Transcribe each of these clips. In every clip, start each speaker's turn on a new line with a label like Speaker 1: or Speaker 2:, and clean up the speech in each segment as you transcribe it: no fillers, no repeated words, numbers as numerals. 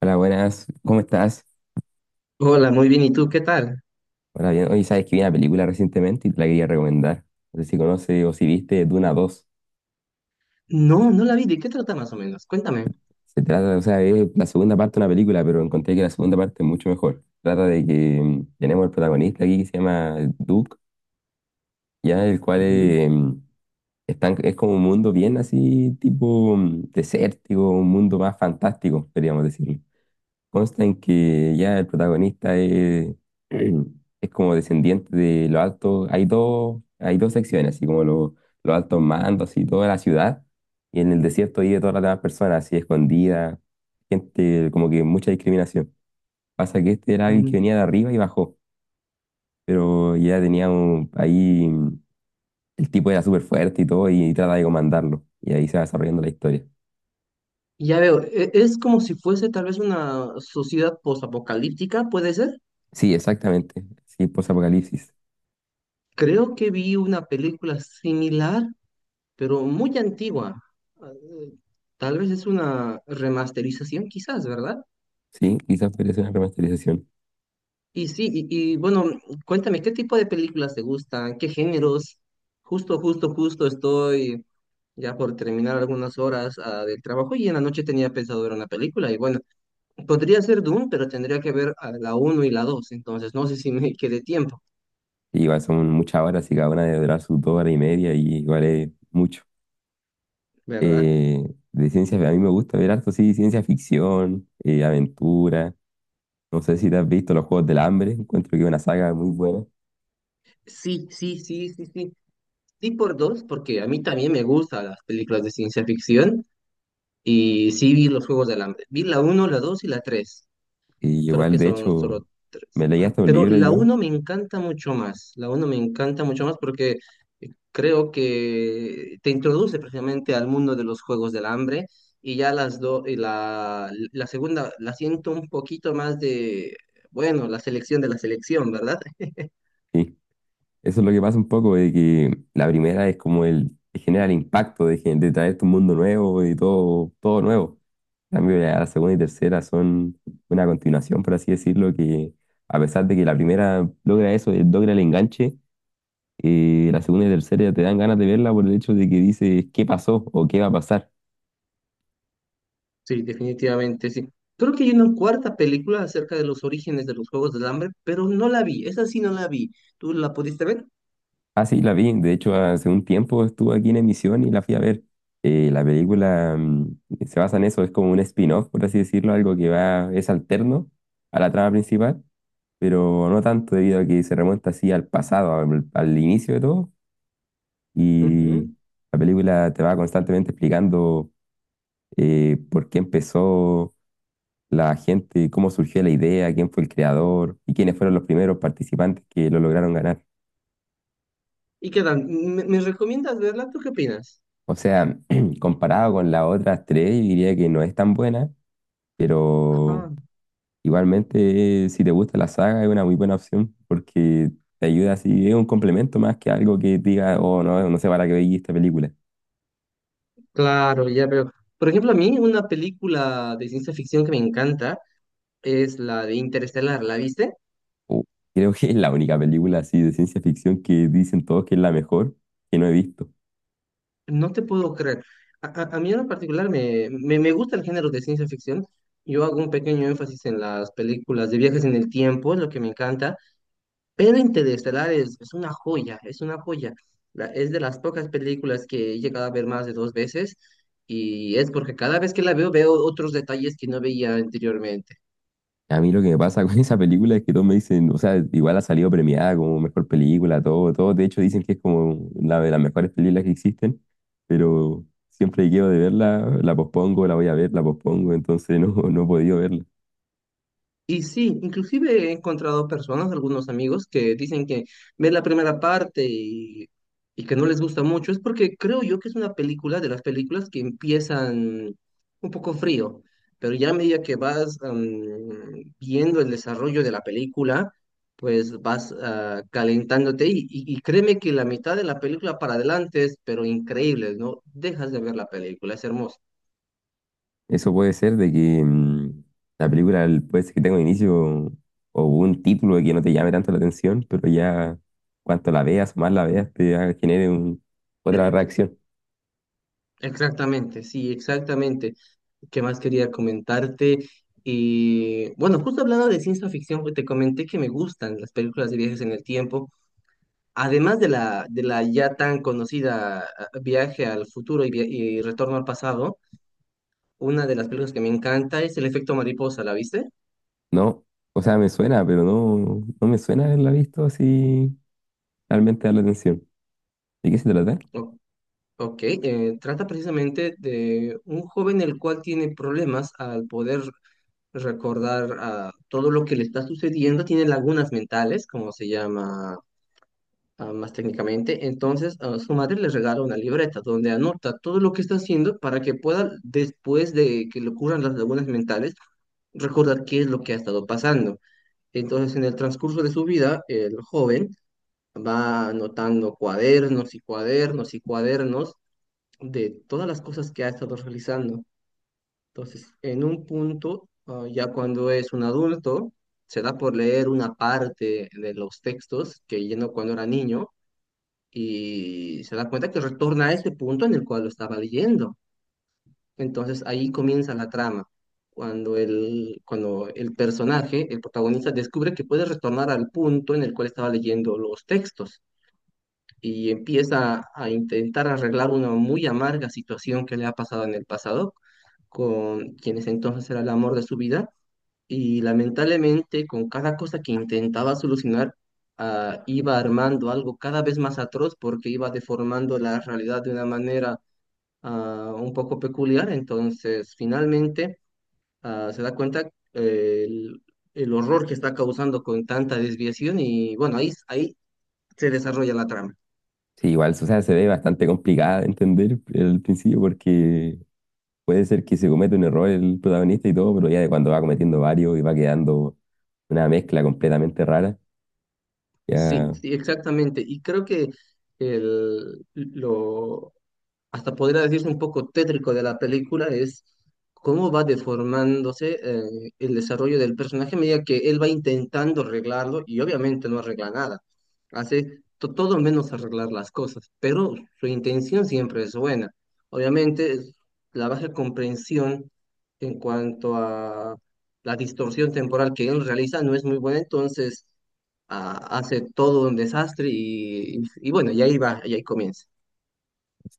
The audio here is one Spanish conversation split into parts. Speaker 1: Hola, buenas. ¿Cómo estás?
Speaker 2: Hola, muy bien. ¿Y tú qué tal?
Speaker 1: Hola, bien. Oye, sabes que vi una película recientemente y te la quería recomendar. No sé si conoces o si viste Duna dos.
Speaker 2: No, no la vi. ¿De qué trata más o menos? Cuéntame.
Speaker 1: Se trata, o sea, es la segunda parte de una película, pero encontré que la segunda parte es mucho mejor. Trata de que tenemos el protagonista aquí que se llama Duke, ya el cual
Speaker 2: Ujú.
Speaker 1: es como un mundo bien así, tipo desértico, un mundo más fantástico, podríamos decir. Consta en que ya el protagonista es, es como descendiente de los altos. Hay dos secciones, así como los altos mandos y toda la ciudad. Y en el desierto vive todas las demás personas, así escondidas. Gente, como que mucha discriminación. Pasa que este era alguien que
Speaker 2: Mm.
Speaker 1: venía de arriba y bajó. Pero ya tenía un, ahí. El tipo era súper fuerte y todo, y trata de comandarlo. Y ahí se va desarrollando la historia.
Speaker 2: Ya veo. Es como si fuese tal vez una sociedad posapocalíptica, ¿puede ser?
Speaker 1: Sí, exactamente. Sí, post-apocalipsis.
Speaker 2: Creo que vi una película similar, pero muy antigua. Ah, tal vez es una remasterización, quizás, ¿verdad?
Speaker 1: Sí, quizás podría ser una remasterización.
Speaker 2: Y sí, y, bueno, cuéntame, ¿qué tipo de películas te gustan? ¿Qué géneros? Justo estoy ya por terminar algunas horas del trabajo y en la noche tenía pensado ver una película. Y bueno, podría ser Doom, pero tendría que ver a la uno y la dos, entonces no sé si me quede tiempo,
Speaker 1: Y igual son muchas horas y cada una debe durar sus dos horas y media y igual es mucho.
Speaker 2: ¿verdad?
Speaker 1: Eh, de ciencia, a mí me gusta ver harto, sí, ciencia ficción, aventura. No sé si te has visto los Juegos del Hambre, encuentro que es una saga muy buena.
Speaker 2: Sí, sí, sí, sí, sí. Sí por dos, porque a mí también me gustan las películas de ciencia ficción y sí vi los Juegos del Hambre. Vi la uno, la 2 y la tres.
Speaker 1: Y
Speaker 2: Creo
Speaker 1: igual,
Speaker 2: que
Speaker 1: de
Speaker 2: son
Speaker 1: hecho,
Speaker 2: solo tres.
Speaker 1: me leí
Speaker 2: Ajá.
Speaker 1: hasta un
Speaker 2: Pero
Speaker 1: libro
Speaker 2: la
Speaker 1: yo.
Speaker 2: uno me encanta mucho más. La uno me encanta mucho más porque creo que te introduce precisamente al mundo de los juegos del hambre. Y ya las dos, y la segunda la siento un poquito más de, bueno, la selección de la selección, ¿verdad?
Speaker 1: Sí, eso es lo que pasa un poco, de que la primera es como el, genera el impacto de, de traerte un mundo nuevo y todo, todo nuevo. En cambio, ya la segunda y tercera son una continuación, por así decirlo, que a pesar de que la primera logra eso, logra el enganche, la segunda y tercera ya te dan ganas de verla por el hecho de que dices qué pasó o qué va a pasar.
Speaker 2: Sí, definitivamente, sí. Creo que hay una cuarta película acerca de los orígenes de los juegos del hambre, pero no la vi. Esa sí no la vi. ¿Tú la pudiste ver?
Speaker 1: Ah, sí, la vi. De hecho, hace un tiempo estuvo aquí en emisión y la fui a ver. La película se basa en eso, es como un spin-off, por así decirlo, algo que va, es alterno a la trama principal, pero no tanto debido a que se remonta así al pasado, al inicio de todo, y
Speaker 2: Ujú.
Speaker 1: la película te va constantemente explicando por qué empezó la gente, cómo surgió la idea, quién fue el creador y quiénes fueron los primeros participantes que lo lograron ganar.
Speaker 2: ¿Y qué tal? ¿Me recomiendas verla? ¿Tú qué opinas?
Speaker 1: O sea, comparado con las otras tres, yo diría que no es tan buena, pero
Speaker 2: Ah,
Speaker 1: igualmente, si te gusta la saga es una muy buena opción porque te ayuda así, es un complemento más que algo que diga, oh no, no sé para qué veí esta película.
Speaker 2: claro, ya veo. Por ejemplo, a mí una película de ciencia ficción que me encanta es la de Interestelar. ¿La viste?
Speaker 1: Uh, Creo que es la única película así de ciencia ficción que dicen todos que es la mejor que no he visto.
Speaker 2: No te puedo creer. A mí en particular me gusta el género de ciencia ficción. Yo hago un pequeño énfasis en las películas de viajes en el tiempo, es lo que me encanta. Pero Interestelar es una joya, es una joya. Es de las pocas películas que he llegado a ver más de dos veces. Y es porque cada vez que la veo, veo otros detalles que no veía anteriormente.
Speaker 1: A mí lo que me pasa con esa película es que todos me dicen, o sea, igual ha salido premiada como mejor película, todo, todo. De hecho, dicen que es como una de las mejores películas que existen, pero siempre que quedo de verla, la pospongo, la voy a ver, la pospongo, entonces no, no he podido verla.
Speaker 2: Y sí, inclusive he encontrado personas, algunos amigos, que dicen que ven la primera parte y que no les gusta mucho. Es porque creo yo que es una película de las películas que empiezan un poco frío, pero ya a medida que vas viendo el desarrollo de la película, pues vas calentándote y créeme que la mitad de la película para adelante es, pero increíble, ¿no? Dejas de ver la película, es hermoso.
Speaker 1: Eso puede ser de que la película puede ser que tenga un inicio o un título que no te llame tanto la atención, pero ya cuanto la veas o más la veas, genere otra reacción.
Speaker 2: Exactamente, sí, exactamente. ¿Qué más quería comentarte? Y bueno, justo hablando de ciencia ficción, pues, te comenté que me gustan las películas de viajes en el tiempo, además de la ya tan conocida Viaje al futuro y Retorno al pasado, una de las películas que me encanta es El efecto mariposa, ¿la viste?
Speaker 1: No, o sea, me suena, pero no, no me suena haberla visto así realmente dar la atención. ¿De qué se trata?
Speaker 2: O- ok, trata precisamente de un joven el cual tiene problemas al poder recordar todo lo que le está sucediendo, tiene lagunas mentales, como se llama más técnicamente. Entonces, su madre le regala una libreta donde anota todo lo que está haciendo para que pueda, después de que le ocurran las lagunas mentales, recordar qué es lo que ha estado pasando. Entonces, en el transcurso de su vida, el joven va anotando cuadernos y cuadernos y cuadernos de todas las cosas que ha estado realizando. Entonces, en un punto, ya cuando es un adulto, se da por leer una parte de los textos que llenó cuando era niño y se da cuenta que retorna a ese punto en el cual lo estaba leyendo. Entonces ahí comienza la trama, cuando el personaje, el protagonista, descubre que puede retornar al punto en el cual estaba leyendo los textos y empieza a intentar arreglar una muy amarga situación que le ha pasado en el pasado con quienes entonces era el amor de su vida y lamentablemente, con cada cosa que intentaba solucionar, iba armando algo cada vez más atroz porque iba deformando la realidad de una manera un poco peculiar. Entonces, finalmente, se da cuenta eh, el, el horror que está causando con tanta desviación y bueno, ahí se desarrolla la trama.
Speaker 1: Sí, igual, o sea, se ve bastante complicada de entender al principio porque puede ser que se cometa un error el protagonista y todo, pero ya de cuando va cometiendo varios y va quedando una mezcla completamente rara,
Speaker 2: Sí,
Speaker 1: ya.
Speaker 2: sí, exactamente. Y creo que el, lo, hasta podría decirse un poco tétrico de la película es cómo va deformándose el desarrollo del personaje a medida que él va intentando arreglarlo y obviamente no arregla nada. Hace todo menos arreglar las cosas, pero su intención siempre es buena. Obviamente es la baja comprensión en cuanto a la distorsión temporal que él realiza no es muy buena, entonces hace todo un desastre y bueno, y ahí va, y ahí comienza.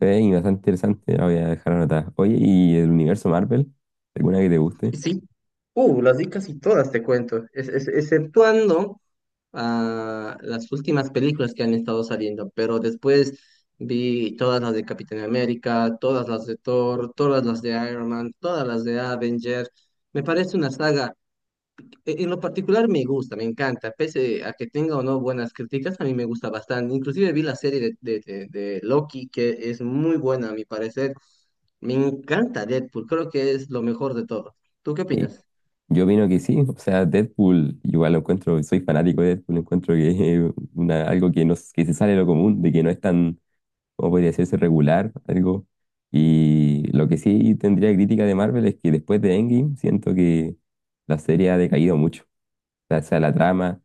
Speaker 1: Sí, bastante interesante, la voy a dejar anotada. Oye, ¿y el universo Marvel? ¿Alguna que te guste?
Speaker 2: Sí, las di casi todas, te cuento, exceptuando las últimas películas que han estado saliendo, pero después vi todas las de Capitán América, todas las de Thor, todas las de Iron Man, todas las de Avenger. Me parece una saga, en lo particular me gusta, me encanta, pese a que tenga o no buenas críticas, a mí me gusta bastante. Inclusive vi la serie de, de Loki, que es muy buena a mi parecer. Me encanta Deadpool, creo que es lo mejor de todo. ¿Tú qué
Speaker 1: Sí.
Speaker 2: opinas?
Speaker 1: Yo opino que sí, o sea, Deadpool, igual lo encuentro, soy fanático de Deadpool, encuentro que es una, algo que, no, que se sale de lo común, de que no es tan, como podría decirse, regular, algo. Y lo que sí tendría crítica de Marvel es que después de Endgame siento que la serie ha decaído mucho, o sea, sea la trama.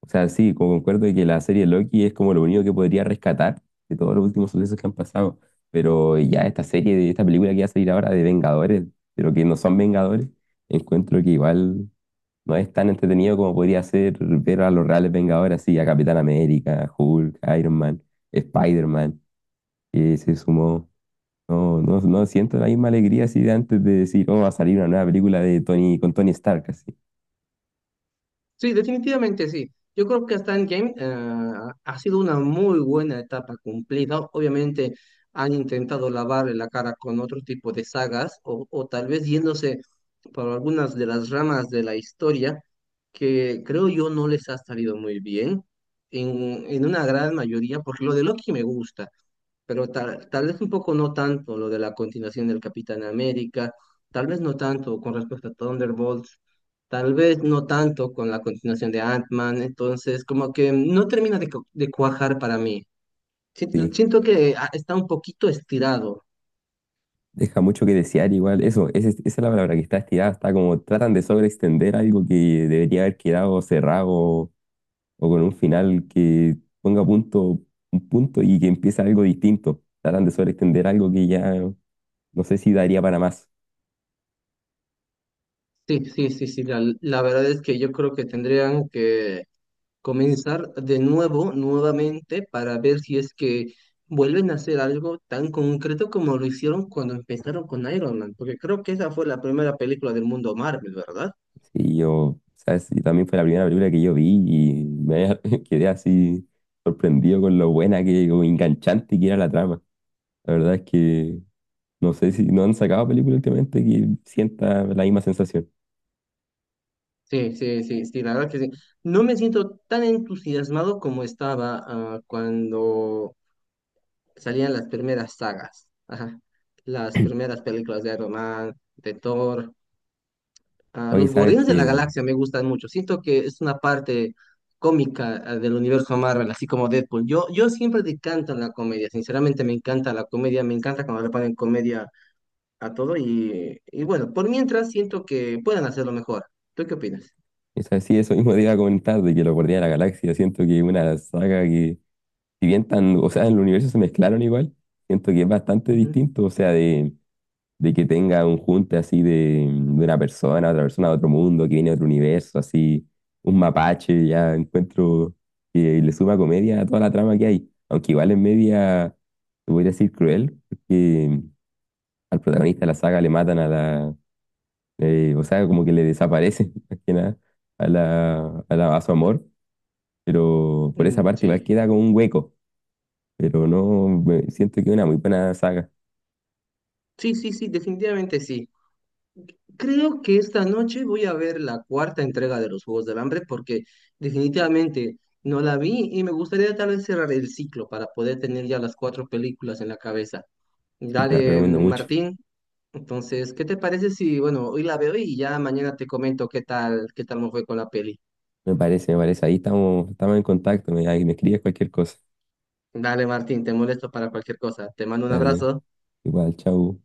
Speaker 1: O sea, sí, como concuerdo de que la serie Loki es como lo único que podría rescatar de todos los últimos sucesos que han pasado. Pero ya esta serie, de esta película que va a salir ahora de Vengadores, pero que no son Vengadores, encuentro que igual no es tan entretenido como podría ser ver a los reales Vengadores, así a Capitán América, Hulk, Iron Man, Spider-Man, que se sumó. No, no, no siento la misma alegría así de antes de decir, oh, va a salir una nueva película de Tony, con Tony Stark, así.
Speaker 2: Sí, definitivamente sí. Yo creo que hasta Endgame ha sido una muy buena etapa cumplida. Obviamente han intentado lavarle la cara con otro tipo de sagas o tal vez yéndose por algunas de las ramas de la historia que creo yo no les ha salido muy bien en una gran mayoría, porque lo de Loki me gusta pero tal vez un poco no tanto lo de la continuación del Capitán América, tal vez no tanto con respecto a Thunderbolts, tal vez no tanto con la continuación de Ant-Man, entonces como que no termina de, de cuajar para mí.
Speaker 1: Sí.
Speaker 2: Siento que está un poquito estirado.
Speaker 1: Deja mucho que desear igual. Eso, esa es la palabra que está estirada. Está como tratan de sobreextender algo que debería haber quedado cerrado o con un final que ponga punto, un punto y que empiece algo distinto. Tratan de sobreextender algo que ya no sé si daría para más.
Speaker 2: Sí, sí, sí, sí, la verdad es que yo creo que tendrían que comenzar de nuevo, nuevamente, para ver si es que vuelven a hacer algo tan concreto como lo hicieron cuando empezaron con Iron Man, porque creo que esa fue la primera película del mundo Marvel, ¿verdad?
Speaker 1: Sí, yo, sabes, y también fue la primera película que yo vi y me quedé así sorprendido con lo buena que, como enganchante que era la trama. La verdad es que no sé si no han sacado película últimamente que sienta la misma sensación.
Speaker 2: Sí, sí, sí, sí, la verdad que sí. No me siento tan entusiasmado como estaba cuando salían las primeras sagas, ajá, las primeras películas de Iron Man, de Thor. Ah,
Speaker 1: Oye,
Speaker 2: los
Speaker 1: sabes
Speaker 2: Guardianes de la
Speaker 1: que,
Speaker 2: Galaxia me gustan mucho. Siento que es una parte cómica del universo Marvel, así como Deadpool. Yo siempre decanto en la comedia. Sinceramente, me encanta la comedia. Me encanta cuando le ponen comedia a todo. Y bueno, por mientras siento que pueden hacerlo mejor. ¿Tú qué opinas?
Speaker 1: esa sí, eso mismo te iba a comentar, de que los Guardianes de la Galaxia, siento que es una saga que, si bien tan, o sea, en el universo se mezclaron igual, siento que es bastante
Speaker 2: Ujú.
Speaker 1: distinto, o sea, de que tenga un junte así de una persona, otra persona de otro mundo, que viene de otro universo, así, un mapache, ya encuentro que le suma comedia a toda la trama que hay, aunque igual es media, te voy a decir cruel, porque al protagonista de la saga le matan a la, o sea, como que le desaparece, más que nada, a la, a su amor, pero por esa
Speaker 2: Mm,
Speaker 1: parte igual
Speaker 2: sí.
Speaker 1: queda como un hueco, pero no, siento que es una muy buena saga,
Speaker 2: Sí, sí, sí, definitivamente sí. Creo que esta noche voy a ver la cuarta entrega de los Juegos del Hambre porque definitivamente no la vi y me gustaría tal vez cerrar el ciclo para poder tener ya las cuatro películas en la cabeza.
Speaker 1: y te la
Speaker 2: Dale,
Speaker 1: recomiendo mucho.
Speaker 2: Martín. Entonces, ¿qué te parece si, bueno, hoy la veo y ya mañana te comento qué tal me fue con la peli?
Speaker 1: Me parece, ahí estamos, estamos en contacto, me, ahí me escribes cualquier cosa.
Speaker 2: Dale, Martín, te molesto para cualquier cosa. Te mando un
Speaker 1: Dale,
Speaker 2: abrazo.
Speaker 1: igual, chau.